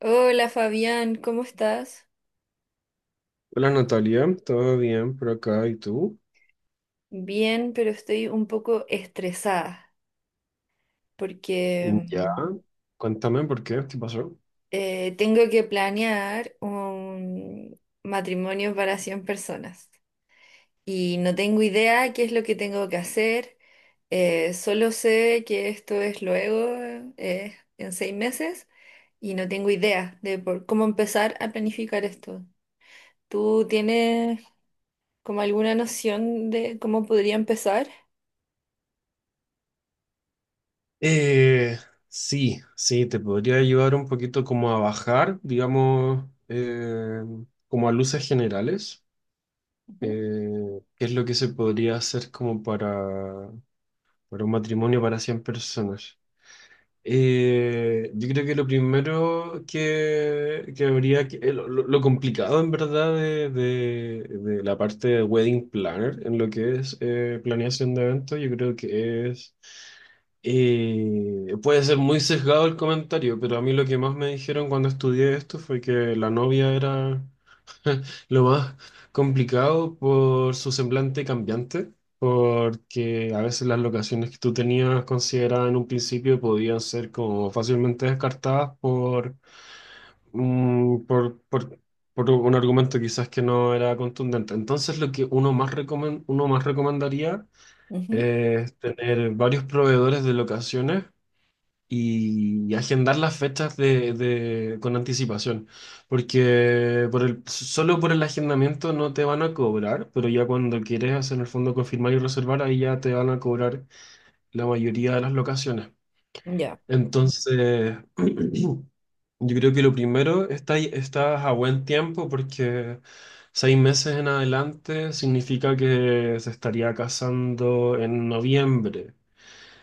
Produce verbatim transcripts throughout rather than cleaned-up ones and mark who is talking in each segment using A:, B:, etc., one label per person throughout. A: Hola Fabián, ¿cómo estás?
B: Hola Natalia, ¿todo bien por acá? ¿Y tú?
A: Bien, pero estoy un poco estresada porque
B: Ya,
A: mm,
B: cuéntame por qué, ¿qué pasó?
A: eh, tengo que planear un matrimonio para cien personas y no tengo idea qué es lo que tengo que hacer, eh, solo sé que esto es luego, eh, en seis meses, y no tengo idea de por cómo empezar a planificar esto. ¿Tú tienes como alguna noción de cómo podría empezar?
B: Eh, sí, sí, te podría ayudar un poquito como a bajar, digamos, eh, como a luces generales.
A: Ujú,
B: eh, ¿Qué es lo que se podría hacer como para, para un matrimonio para cien personas? Eh, yo creo que lo primero que, que habría que, eh, lo, lo- lo complicado en verdad de, de- de la parte de wedding planner en lo que es eh, planeación de eventos. Yo creo que es, eh, puede ser muy sesgado el comentario, pero a mí lo que más me dijeron cuando estudié esto fue que la novia era lo más complicado por su semblante cambiante, porque a veces las locaciones que tú tenías consideradas en un principio podían ser como fácilmente descartadas por, mm, por, por, por un argumento quizás que no era contundente. Entonces, lo que uno más recomen- uno más recomendaría
A: ujú.
B: es tener varios proveedores de locaciones y agendar las fechas de, de- con anticipación, porque por el, solo por el agendamiento no te van a cobrar, pero ya cuando quieres hacer en el fondo confirmar y reservar, ahí ya te van a cobrar la mayoría de las locaciones.
A: Ya.
B: Entonces, yo creo que lo primero, está, estás a buen tiempo porque seis meses en adelante significa que se estaría casando en noviembre.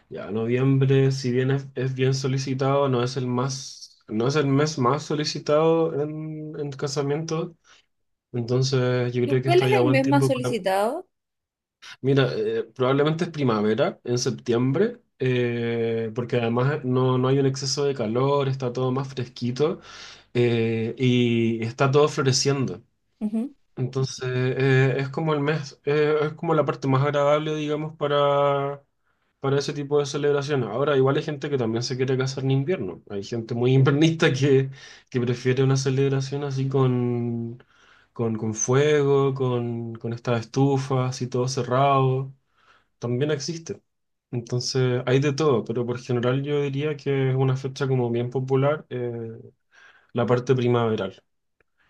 B: Ya, noviembre, si bien es, es bien solicitado, no es el más, no es el mes más solicitado en, en casamiento. Entonces, yo
A: ¿Y
B: creo que
A: cuál
B: está
A: es
B: ya
A: el
B: buen
A: mes más
B: tiempo para.
A: solicitado?
B: Mira, eh, probablemente es primavera, en septiembre, eh, porque además no, no hay un exceso de calor, está todo más fresquito eh, y está todo floreciendo.
A: Ujú.
B: Entonces, eh, es como el mes, eh, es como la parte más agradable, digamos, para, para ese tipo de celebraciones. Ahora, igual hay gente que también se quiere casar en invierno. Hay gente muy invernista que, que prefiere una celebración así con, con, con fuego, con, con estas estufas y todo cerrado. También existe. Entonces, hay de todo, pero por general yo diría que es una fecha como bien popular, eh, la parte primaveral.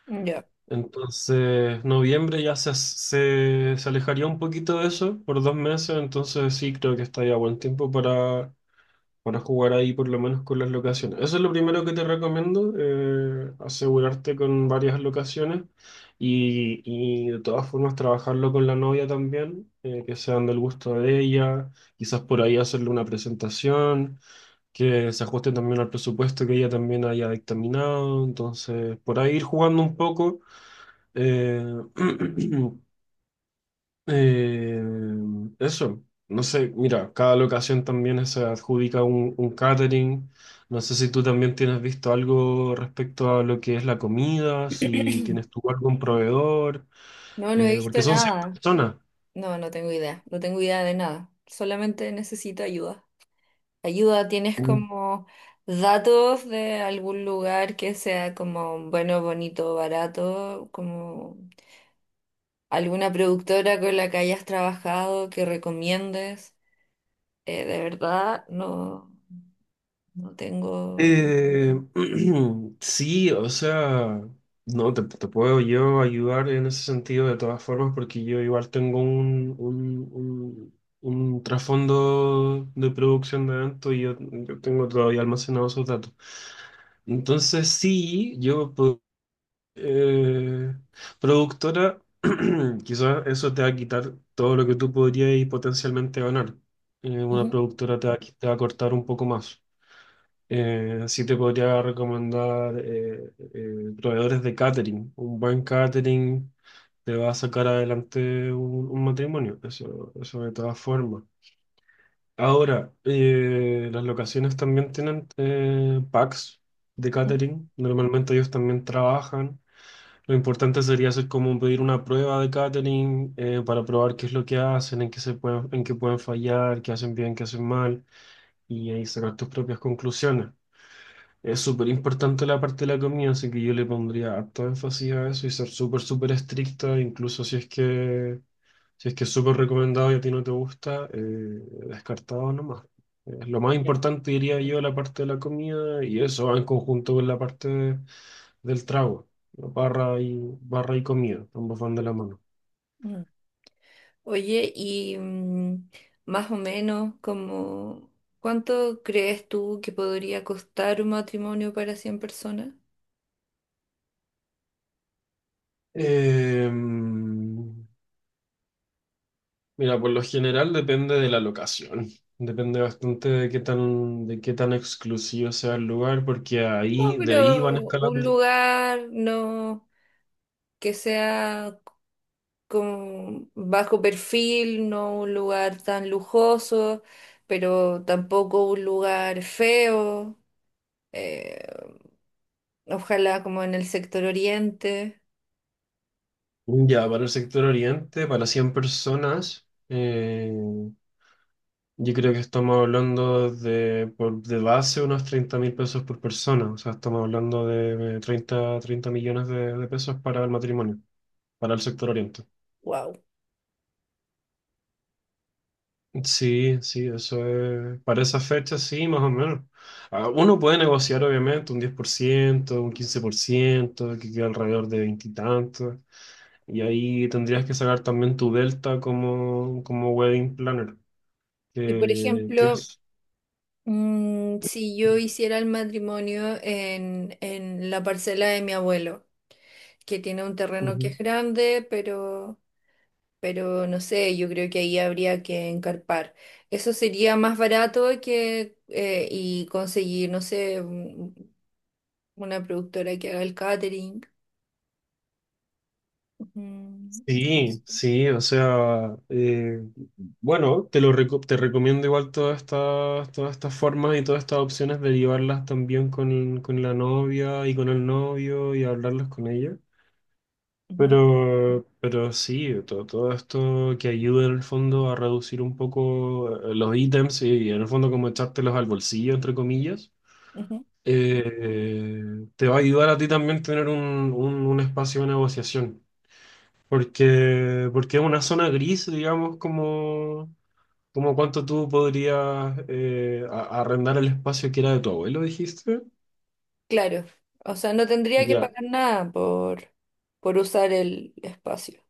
A: Ya.
B: Entonces, noviembre ya se, se, se alejaría un poquito de eso por dos meses, entonces sí creo que está ya buen tiempo para, para jugar ahí por lo menos con las locaciones. Eso es lo primero que te recomiendo, eh, asegurarte con varias locaciones y, y de todas formas trabajarlo con la novia también, eh, que sean del gusto de ella, quizás por ahí hacerle una presentación, que se ajuste también al presupuesto que ella también haya dictaminado, entonces por ahí ir jugando un poco. Eh, eh, Eso, no sé, mira, cada locación también se adjudica un, un catering. No sé si tú también tienes visto algo respecto a lo que es la comida, si tienes tú algún proveedor,
A: No, no he
B: eh,
A: visto
B: porque son cien
A: nada.
B: personas.
A: No, no tengo idea. No tengo idea de nada. Solamente necesito ayuda. Ayuda, ¿tienes como datos de algún lugar que sea como bueno, bonito, barato? ¿Como alguna productora con la que hayas trabajado que recomiendes? Eh, de verdad, no, no tengo.
B: Eh, sí, o sea, no, te, te puedo yo ayudar en ese sentido de todas formas porque yo igual tengo un, un, un- un trasfondo de producción de eventos y yo, yo tengo todavía almacenados esos datos. Entonces sí, yo, po- eh, productora, quizás eso te va a quitar todo lo que tú podrías potencialmente ganar. Eh, una
A: Ujú.
B: productora te va, a qui- te va a cortar un poco más. Eh, sí te podría recomendar eh, eh, proveedores de catering. Un buen catering te va a sacar adelante un, un matrimonio, eso, eso de todas formas. Ahora, eh, las locaciones también tienen eh, packs de catering. Normalmente ellos también trabajan. Lo importante sería hacer como pedir una prueba de catering eh, para probar qué es lo que hacen, en qué se pueden, en qué pueden fallar, qué hacen bien, qué hacen mal, y ahí sacar tus propias conclusiones. Es súper importante la parte de la comida, así que yo le pondría harto énfasis a eso y ser súper, súper estricta, incluso si es que, si es que es súper recomendado y a ti no te gusta, eh, descartado nomás. Eh, lo más
A: Ya.
B: importante diría yo la parte de la comida y eso va en conjunto con la parte de- del trago, ¿no? barra y, barra y comida, ambos van de la mano.
A: Oye, y mm, más o menos como, ¿cuánto crees tú que podría costar un matrimonio para cien personas?
B: Eh, Mira, por lo general depende de la locación. Depende bastante de qué tan, de qué tan exclusivo sea el lugar, porque
A: No,
B: ahí, de ahí van
A: pero un
B: escalando.
A: lugar no que sea con bajo perfil, no un lugar tan lujoso, pero tampoco un lugar feo, eh, ojalá como en el sector oriente.
B: Ya, para el sector oriente, para cien personas, eh, yo creo que estamos hablando de, por, de base unos treinta mil pesos por persona. O sea, estamos hablando de eh, treinta, treinta millones de, de pesos para el matrimonio, para el sector oriente.
A: Wow.
B: Sí, sí, eso es. Para esa fecha, sí, más o menos. Ah, Uno puede negociar, obviamente, un diez por ciento, un quince por ciento, que queda alrededor de veintitantos. Y, tantos. Y ahí tendrías que sacar también tu delta como, como wedding planner,
A: Y por
B: que, que
A: ejemplo,
B: es.
A: Mm, si yo hiciera el matrimonio en, en la parcela de mi abuelo, que tiene un terreno que es grande, pero, pero no sé, yo creo que ahí habría que encarpar. Eso sería más barato que eh, y conseguir, no sé, un- una productora que haga el catering. Mm, o
B: Sí,
A: sea,
B: sí, o sea, eh, bueno, te lo reco- te recomiendo igual todas estas, todas estas formas y todas estas opciones de llevarlas también con, con la novia y con el novio y hablarlas con ella.
A: ujú,
B: Pero, pero sí, todo, todo esto que ayuda en el fondo a reducir un poco eh, los ítems y en el fondo como echártelos al bolsillo, entre comillas,
A: ujú.
B: eh, te va a ayudar a ti también tener un, un, un espacio de negociación. Porque, porque es una zona gris, digamos, como, como cuánto tú podrías eh, a- arrendar el espacio que era de tu abuelo, dijiste.
A: Claro, o sea, no tendría que
B: Ya.
A: pagar nada por, por usar el espacio.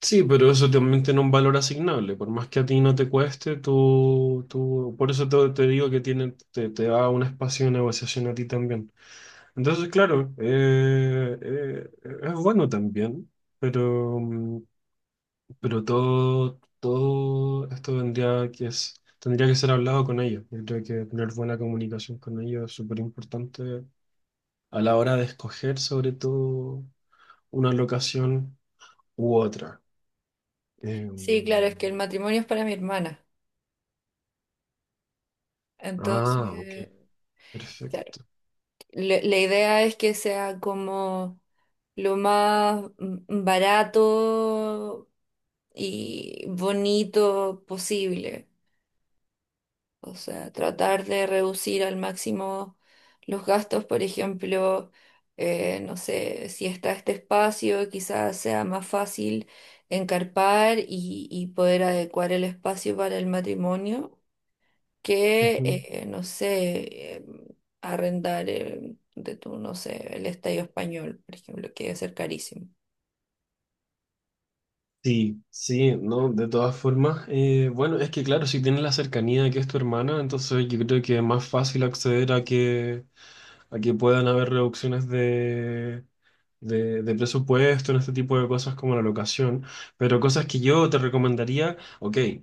B: Sí, pero eso también tiene un valor asignable. Por más que a ti no te cueste, tú, tú, por eso te, te digo que tiene, te, te da un espacio de negociación a ti también. Entonces, claro, eh, eh, es bueno también, pero, mm, Pero todo, todo esto tendría que, es- tendría que ser hablado con ellos. Yo creo que tener buena comunicación con ellos es súper importante a la hora de escoger sobre todo una locación u otra. Eh,
A: Sí, claro, es que el matrimonio es para mi hermana.
B: ah, ok,
A: Entonces, claro,
B: perfecto.
A: le- la idea es que sea como lo más mm, barato y bonito posible. O sea, tratar de reducir al máximo los gastos, por ejemplo, eh, no sé, si está este espacio, quizás sea más fácil encarpar y, y poder adecuar el espacio para el matrimonio. Que,
B: Ujú.
A: eh, no sé, eh, arrendar eh, de tu, no sé, el Estadio Español, por ejemplo, que debe ser carísimo.
B: Sí, sí, no, de todas formas, eh, bueno, es que claro, si tienes la cercanía de que es tu hermana, entonces yo creo que es más fácil acceder a que a que puedan haber reducciones de, de, de presupuesto en este tipo de cosas como la locación, pero cosas que yo te recomendaría, ok, eh,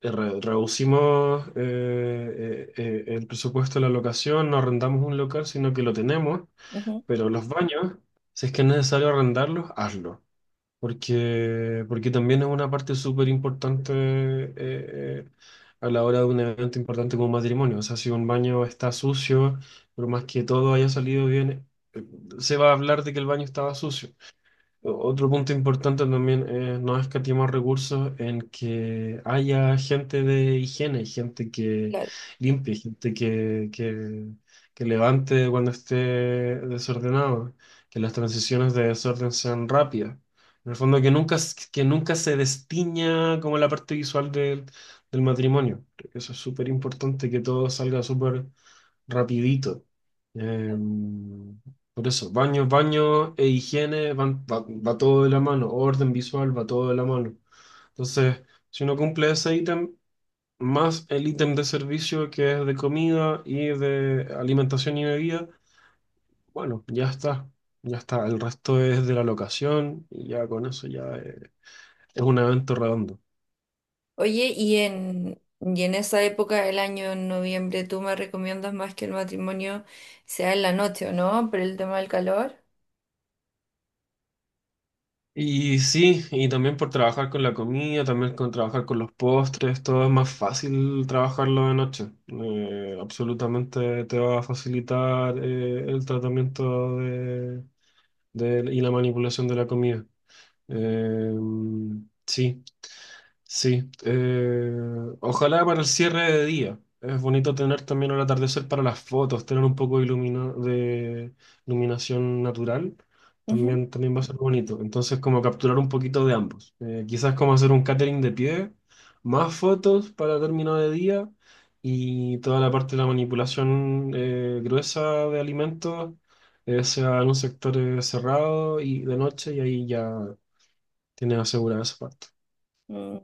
B: re- reducimos eh, eh, eh, el presupuesto de la locación, no arrendamos un local, sino que lo tenemos,
A: Ujú.
B: pero los baños, si es que es necesario arrendarlos, hazlo porque, porque también es una parte súper importante eh, eh, a la hora de un evento importante como un matrimonio. O sea, si un baño está sucio, por más que todo haya salido bien, se va a hablar de que el baño estaba sucio. O- Otro punto importante también es no escatimar recursos en que haya gente de higiene, gente que
A: Claro.
B: limpie, gente que, que, que levante cuando esté desordenado, que las transiciones de desorden sean rápidas. En el fondo, que nunca, s- que nunca se destiña como la parte visual del, del matrimonio. Creo que eso es súper importante, que todo salga súper rapidito. Em, por eso, baño, baño e higiene van, va, va todo de la mano, orden visual va todo de la mano. Entonces, si uno cumple ese ítem, más el ítem de servicio que es de comida y de alimentación y bebida, bueno, ya está, ya está. El resto es de la locación y ya con eso ya eh, es un evento redondo.
A: Oye, y en, y en esa época del año, en noviembre, ¿tú me recomiendas más que el matrimonio sea en la noche o no? Por el tema del calor.
B: Y sí, y también por trabajar con la comida, también con trabajar con los postres, todo es más fácil trabajarlo de noche. Eh, absolutamente te va a facilitar eh, el tratamiento de, de- y la manipulación de la comida. Eh, sí. Sí, eh, ojalá para el cierre de día. Es bonito tener también el atardecer para las fotos, tener un poco de, ilumina- de iluminación natural,
A: Ujú.
B: también, también va a ser bonito. Entonces, como capturar un poquito de ambos. Eh, quizás como hacer un catering de pie, más fotos para término de día y toda la parte de la manipulación eh, gruesa de alimentos, eh, sea en un sector eh, cerrado y de noche y ahí ya tienes asegurada esa parte.
A: Mm,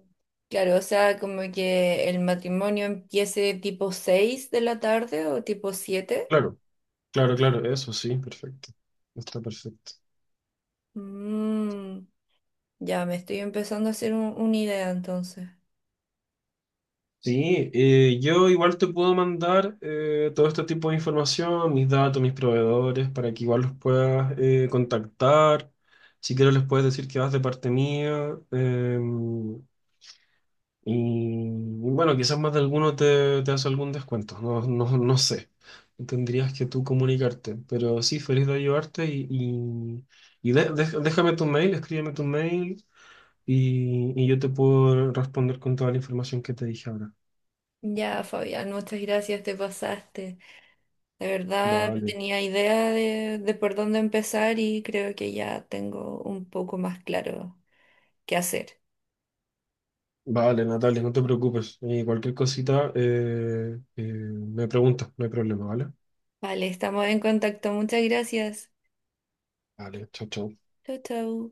A: claro, o sea, como que el matrimonio empiece tipo seis de la tarde o tipo siete.
B: Claro. Claro, claro, eso sí, perfecto. Está perfecto.
A: Mm, ya me estoy empezando a hacer un- una idea entonces.
B: Sí, eh, yo igual te puedo mandar eh, todo este tipo de información, mis datos, mis proveedores, para que igual los puedas eh, contactar. Si quieres les puedes decir que vas de parte mía. eh, y, y bueno, quizás más de alguno te, te hace algún descuento, no, no, no sé. Tendrías que tú comunicarte, pero sí, feliz de ayudarte y, y, y de- de- déjame tu mail, escríbeme tu mail y, y yo te puedo responder con toda la información que te dije ahora.
A: Ya, Fabián, muchas gracias, te pasaste. De verdad, no
B: Vale,
A: tenía idea de, de por dónde empezar y creo que ya tengo un poco más claro qué hacer.
B: vale, Natalia, no te preocupes. Y cualquier cosita eh, eh, me preguntas, no hay problema, ¿vale?
A: Vale, estamos en contacto. Muchas gracias.
B: Vale, chao, chao.
A: Chau, chau.